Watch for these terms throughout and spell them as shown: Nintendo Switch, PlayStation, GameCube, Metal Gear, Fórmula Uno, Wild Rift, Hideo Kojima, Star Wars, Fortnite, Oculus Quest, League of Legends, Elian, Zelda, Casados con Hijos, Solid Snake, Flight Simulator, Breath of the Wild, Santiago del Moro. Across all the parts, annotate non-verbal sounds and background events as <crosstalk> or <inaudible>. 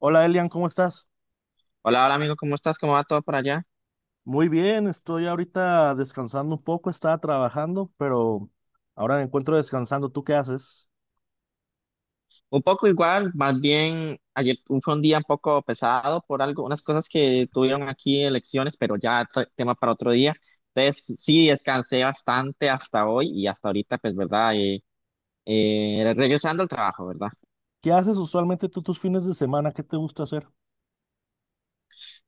Hola Elian, ¿cómo estás? Hola, hola amigo, ¿cómo estás? ¿Cómo va todo por allá? Muy bien, estoy ahorita descansando un poco, estaba trabajando, pero ahora me encuentro descansando. ¿Tú qué haces? Un poco igual, más bien ayer fue un día un poco pesado por algo, unas cosas que tuvieron aquí elecciones, pero ya tema para otro día. Entonces sí, descansé bastante hasta hoy y hasta ahorita, pues, ¿verdad? Regresando al trabajo, ¿verdad? ¿Qué haces usualmente tú tus fines de semana? ¿Qué te gusta hacer?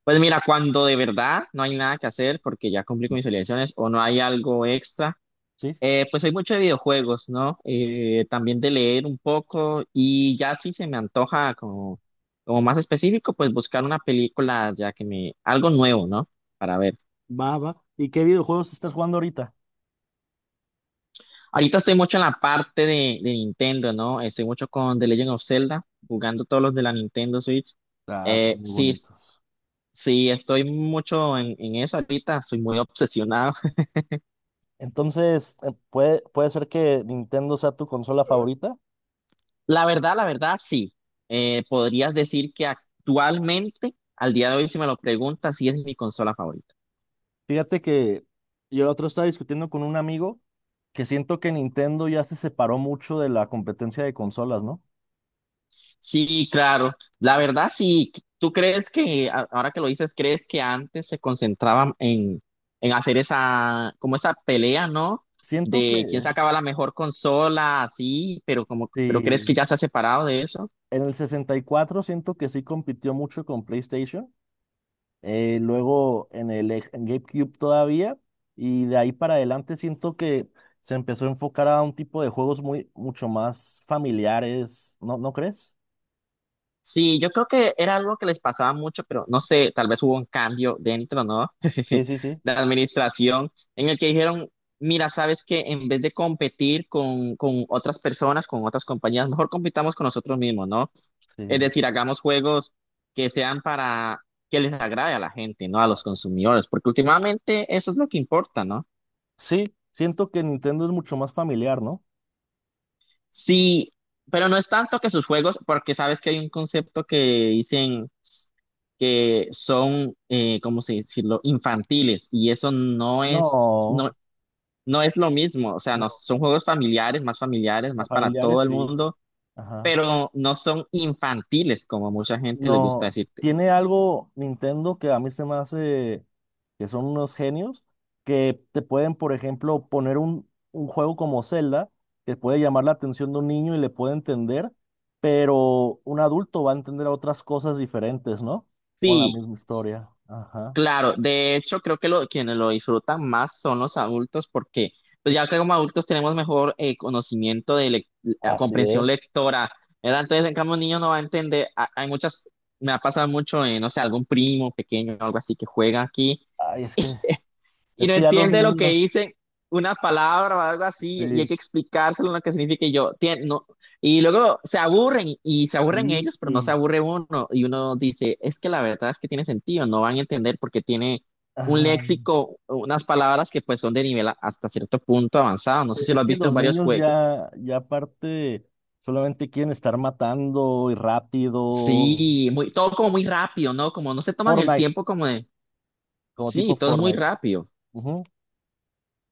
Pues mira, cuando de verdad no hay nada que hacer porque ya cumplí con mis obligaciones o no hay algo extra, ¿Sí? Pues soy mucho de videojuegos, ¿no? También de leer un poco y ya si se me antoja como más específico, pues buscar una película ya que me, algo nuevo, ¿no? Para ver. Va, va. ¿Y qué videojuegos estás jugando ahorita? Ahorita estoy mucho en la parte de Nintendo, ¿no? Estoy mucho con The Legend of Zelda, jugando todos los de la Nintendo Switch. Ah, son Eh, muy sí, bonitos. sí, estoy mucho en eso ahorita, soy muy obsesionado. Entonces, ¿puede ser que Nintendo sea tu consola favorita? La verdad, sí. Podrías decir que actualmente, al día de hoy, si me lo preguntas, sí es mi consola favorita. Fíjate que yo el otro estaba discutiendo con un amigo que siento que Nintendo ya se separó mucho de la competencia de consolas, ¿no? Sí, claro. La verdad, sí. ¿Tú crees ahora que lo dices, crees que antes se concentraban en hacer esa, como esa pelea, ¿no? Siento que... ¿De quién sacaba la mejor consola, así, pero como, pero crees que Sí, ya se ha separado de eso? en el 64 siento que sí compitió mucho con PlayStation, luego en GameCube todavía, y de ahí para adelante siento que se empezó a enfocar a un tipo de juegos muy, mucho más familiares, ¿no, no crees? Sí, yo creo que era algo que les pasaba mucho, pero no sé, tal vez hubo un cambio dentro, ¿no? Sí, <laughs> sí, sí, De la administración, en el que dijeron, mira, sabes que en vez de competir con otras personas, con otras compañías, mejor compitamos con nosotros mismos, ¿no? Es sí. decir, hagamos juegos que sean para que les agrade a la gente, ¿no? A los consumidores, porque últimamente eso es lo que importa, ¿no? Sí, siento que Nintendo es mucho más familiar, ¿no? Sí, pero no es tanto que sus juegos, porque sabes que hay un concepto que dicen que son, ¿cómo se decirlo?, infantiles y eso no es, no, No, no es lo mismo, o sea, no, no, son juegos familiares, más para familiares todo el sí. mundo, Ajá. pero no son infantiles como mucha gente les gusta No, decirte. tiene algo Nintendo que a mí se me hace que son unos genios que te pueden, por ejemplo, poner un juego como Zelda que puede llamar la atención de un niño y le puede entender, pero un adulto va a entender otras cosas diferentes, ¿no? Con la Sí, misma historia. Ajá. claro, de hecho creo que lo, quienes lo disfrutan más son los adultos porque pues ya que como adultos tenemos mejor conocimiento de la Así comprensión es. lectora, ¿verdad? Entonces en cambio un niño no va a entender, hay muchas, me ha pasado mucho en, no sé, algún primo pequeño o algo así que juega aquí Ay, y es no que ya los entiende lo que niños, dice una palabra o algo así y hay sí, que explicárselo lo que significa y yo, no. Y luego se aburren y se aburren sí, ellos, pero no se y- aburre uno y uno dice, es que la verdad es que tiene sentido, no van a entender porque tiene un ajá. léxico, unas palabras que pues son de nivel hasta cierto punto avanzado. No sé si lo Es has que visto en los varios niños juegos. ya, ya aparte, solamente quieren estar matando y rápido. Sí, muy, todo como muy rápido, ¿no? Como no se toman el Fortnite, tiempo como de, como tipo sí, todo es muy Fortnite. rápido. Ujú.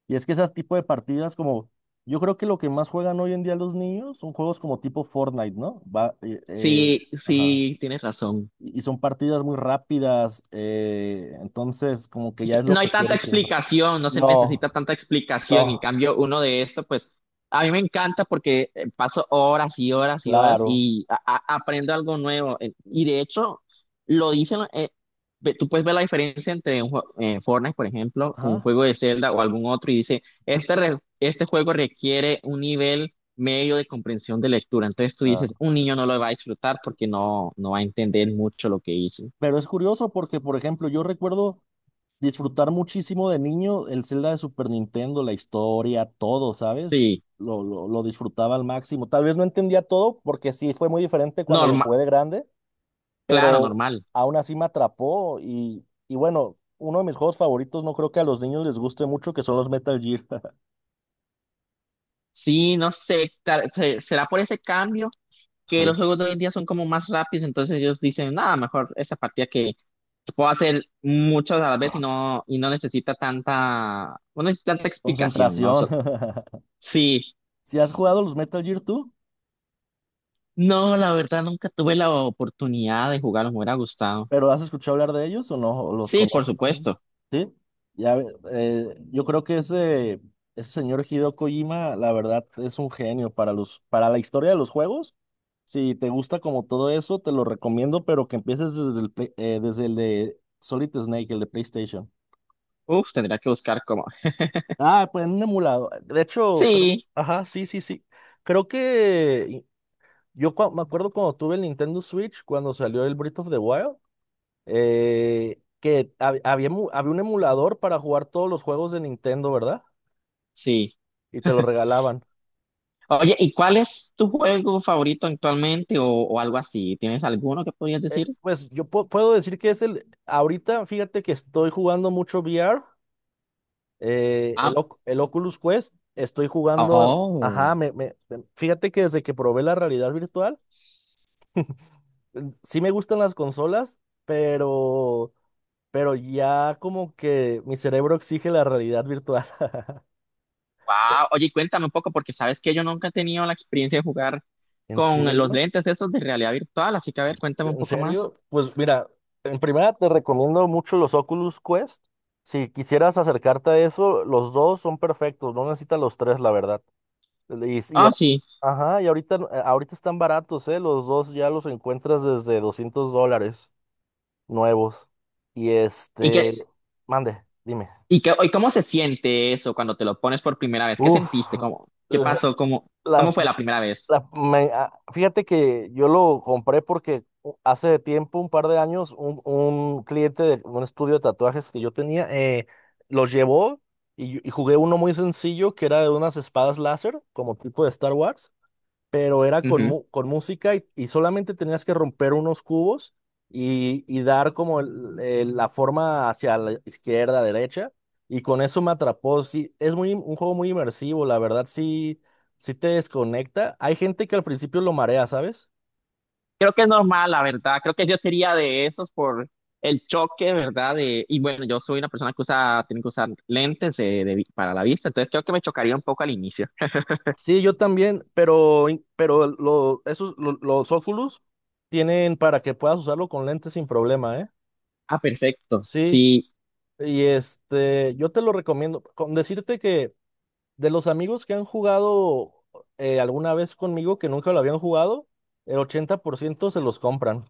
Y es que esas tipo de partidas como, yo creo que lo que más juegan hoy en día los niños son juegos como tipo Fortnite, ¿no? Va, Sí, ajá. sí, tienes razón. Y son partidas muy rápidas, entonces como que ya es lo No hay que tanta quieren siempre. explicación, no se No, necesita tanta explicación. En no, cambio, uno de esto pues, a mí me encanta porque paso horas y horas y horas claro. y aprendo algo nuevo. Y de hecho, lo dicen, tú puedes ver la diferencia entre un Fortnite, por ejemplo, con un Ajá, juego de Zelda o algún otro y dice, este, este juego requiere un nivel medio de comprensión de lectura. Entonces tú dices, claro. un niño no lo va a disfrutar porque no, no va a entender mucho lo que hizo. Pero es curioso porque, por ejemplo, yo recuerdo disfrutar muchísimo de niño el Zelda de Super Nintendo, la historia, todo, ¿sabes? Sí, Lo disfrutaba al máximo. Tal vez no entendía todo porque sí fue muy diferente cuando lo normal, jugué de grande, claro, pero normal. aún así me atrapó y bueno, uno de mis juegos favoritos, no creo que a los niños les guste mucho, que son los Metal Gear. <laughs> Sí, no sé, será por ese cambio que los Soy juegos de hoy en día son como más rápidos, entonces ellos dicen, nada, mejor esa partida que puedo hacer muchas a la vez y no necesita tanta, no necesita tanta explicación, ¿no? concentración. <laughs> Sí, ¿Si has jugado los Metal Gear tú? no, la verdad nunca tuve la oportunidad de jugarlos, me hubiera gustado. ¿Pero has escuchado hablar de ellos o no? ¿O los Sí, por conoces más o menos? supuesto. Sí, ya, ve- yo creo que ese señor Hideo Kojima, la verdad, es un genio para los, para la historia de los juegos. Si te gusta como todo eso, te lo recomiendo, pero que empieces desde el, desde el de Solid Snake, el de PlayStation. Uf, tendría que buscar cómo. Ah, pues en un emulado. De hecho, creo, Sí, ajá, sí, sí, sí. Creo que yo me acuerdo cuando tuve el Nintendo Switch, cuando salió el Breath of the Wild. Que había, había un emulador para jugar todos los juegos de Nintendo, ¿verdad? sí. Y te lo regalaban. Oye, ¿y cuál es tu juego favorito actualmente o algo así? ¿Tienes alguno que podrías decir? Pues yo puedo decir que es el, ahorita fíjate que estoy jugando mucho VR, el, Ah, el Oculus Quest, estoy jugando, ajá, oh. Fíjate que desde que probé la realidad virtual, sí me gustan las consolas, pero, pero ya como que mi cerebro exige la realidad virtual. <laughs> Wow, oye, y cuéntame un poco, porque sabes que yo nunca he tenido la experiencia de jugar ¿En con los serio? lentes esos de realidad virtual, así que a ver, cuéntame un ¿En poco más. serio? Pues mira, en primera te recomiendo mucho los Oculus Quest. Si quisieras acercarte a eso, los dos son perfectos, no necesitas los tres, la verdad. Y, y- Ah, sí. ajá, y ahorita, ahorita están baratos, ¿eh? Los dos ya los encuentras desde $200 nuevos. Y ¿Y qué, este, mande, dime. y qué, y cómo se siente eso cuando te lo pones por primera vez? ¿Qué Uf, sentiste? ¿Cómo, eh, qué pasó? ¿Cómo, cómo la, fue la primera vez? La- me- ah, Fíjate que yo lo compré porque hace tiempo, un par de años, un cliente de un estudio de tatuajes que yo tenía los llevó y jugué uno muy sencillo que era de unas espadas láser, como tipo de Star Wars, pero era con, Ujú. Con música y solamente tenías que romper unos cubos y dar como la forma hacia la izquierda, derecha, y con eso me atrapó. Sí, es muy, un juego muy inmersivo, la verdad, sí, sí te desconecta. Hay gente que al principio lo marea, ¿sabes? Creo que es normal, la verdad. Creo que yo sería de esos por el choque, ¿verdad? De, y bueno, yo soy una persona que usa, tiene que usar lentes para la vista, entonces creo que me chocaría un poco al inicio. Sí, yo también, pero, pero esos, los Oculus tienen para que puedas usarlo con lentes sin problema, ¿eh? Ah, perfecto. Sí, Sí, y este, yo te lo recomiendo. Con decirte que de los amigos que han jugado alguna vez conmigo que nunca lo habían jugado, el 80% se los compran.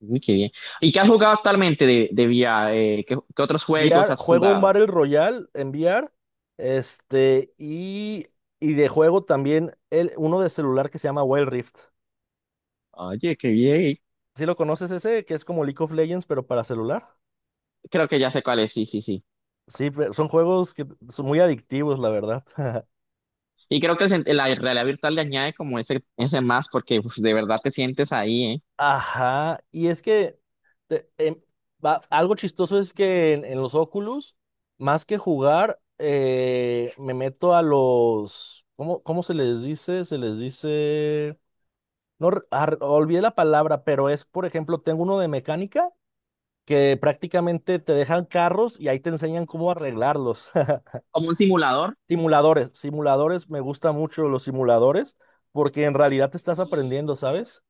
uy, qué bien. ¿Y qué has jugado actualmente de VR? ¿Qué, qué otros juegos VR, has juego un jugado? Battle Royale en VR, este, y de juego también el, uno de celular que se llama Wild Rift. Oye, qué bien. ¿Sí lo conoces ese? Que es como League of Legends, pero para celular. Creo que ya sé cuál es, sí, sí, sí. Sí, son juegos que son muy adictivos, la verdad. <laughs> Y creo que el la realidad virtual le añade como ese más porque uf, de verdad te sientes ahí, ¿eh? Ajá, y es que te- em, algo chistoso es que en los Oculus, más que jugar, me meto a los, ¿cómo, cómo se les dice? Se les dice, no, olvidé la palabra, pero es, por ejemplo, tengo uno de mecánica que prácticamente te dejan carros y ahí te enseñan cómo arreglarlos. <laughs> Como un simulador. Simuladores, simuladores, me gusta mucho los simuladores porque en realidad te estás aprendiendo, ¿sabes?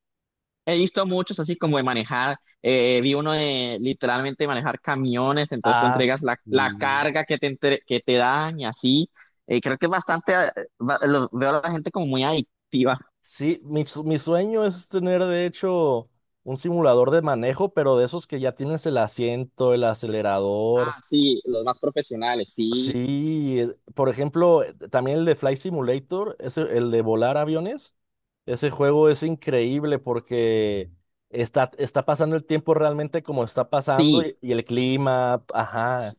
He visto muchos así como de manejar, vi uno de literalmente manejar camiones, entonces tú Ah, entregas la, la carga que que te dan y así. Creo que es bastante, veo a la gente como muy adictiva. sí, mi sueño es tener de hecho un simulador de manejo, pero de esos que ya tienes el asiento, el acelerador. Ah, sí, los más profesionales, sí. Sí, por ejemplo, también el de Flight Simulator, ese, el de volar aviones, ese juego es increíble porque está, está pasando el tiempo realmente como está pasando Sí, y el clima, ajá,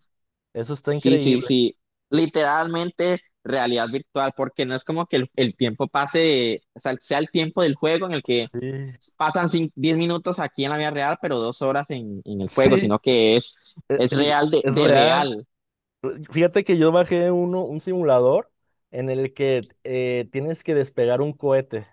eso está sí, sí, increíble. sí. Literalmente realidad virtual, porque no es como que el tiempo pase, de- o sea, sea el tiempo del juego en el que Sí, pasan 10 minutos aquí en la vida real, pero dos horas en <laughs> el juego, sí, sino que e- es e- real es de real. real. Fíjate que yo bajé uno, un simulador en el que tienes que despegar un cohete.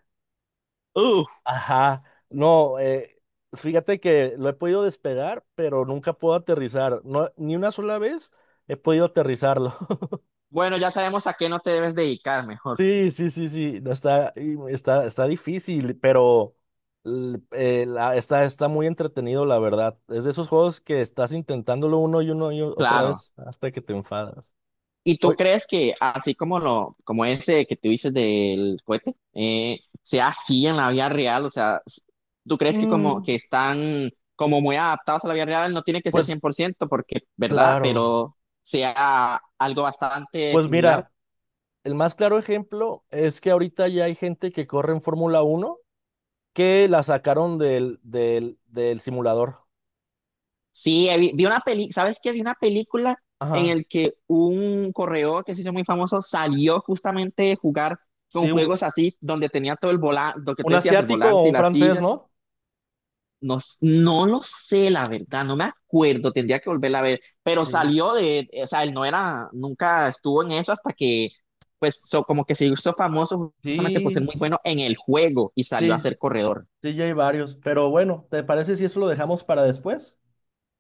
Uf, Ajá, no, fíjate que lo he podido despegar, pero nunca puedo aterrizar. No, ni una sola vez he podido aterrizarlo. <laughs> bueno, ya sabemos a qué no te debes dedicar, mejor, Sí, sí, sí, sí, no está, y está, está difícil, pero está, está muy entretenido, la verdad. Es de esos juegos que estás intentándolo uno y uno y otra claro. vez hasta que te enfadas. ¿Y tú Hoy, crees que así como lo, como ese que tú dices del cohete, sea así en la vida real? O sea, s- ¿tú crees que como mm, que están como muy adaptados a la vida real? No tiene que ser pues 100% porque, ¿verdad? claro. Pero sea algo bastante Pues similar. mira, el más claro ejemplo es que ahorita ya hay gente que corre en Fórmula Uno que la sacaron del simulador. Sí, he vi, vi una peli, ¿sabes qué? Vi una película en Ajá. el que un corredor que se hizo muy famoso salió justamente de jugar con Sí, juegos así, donde tenía todo el volante, lo que un tú decías, el asiático o volante y un la francés, silla. ¿no? No, s- no lo sé, la verdad, no me acuerdo, tendría que volverla a ver, pero Sí, salió de, o sea, él no era, nunca estuvo en eso hasta que, pues, como que se hizo famoso justamente por ser sí, muy bueno en el juego y salió a sí, ser corredor. sí, ya hay varios. Pero bueno, ¿te parece si eso lo dejamos para después?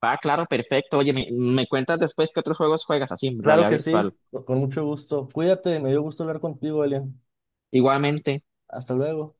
Va, claro, perfecto. Oye, me cuentas después qué otros juegos juegas así en Claro realidad que sí, virtual. Con mucho gusto. Cuídate, me dio gusto hablar contigo, Elian. Igualmente. Hasta luego.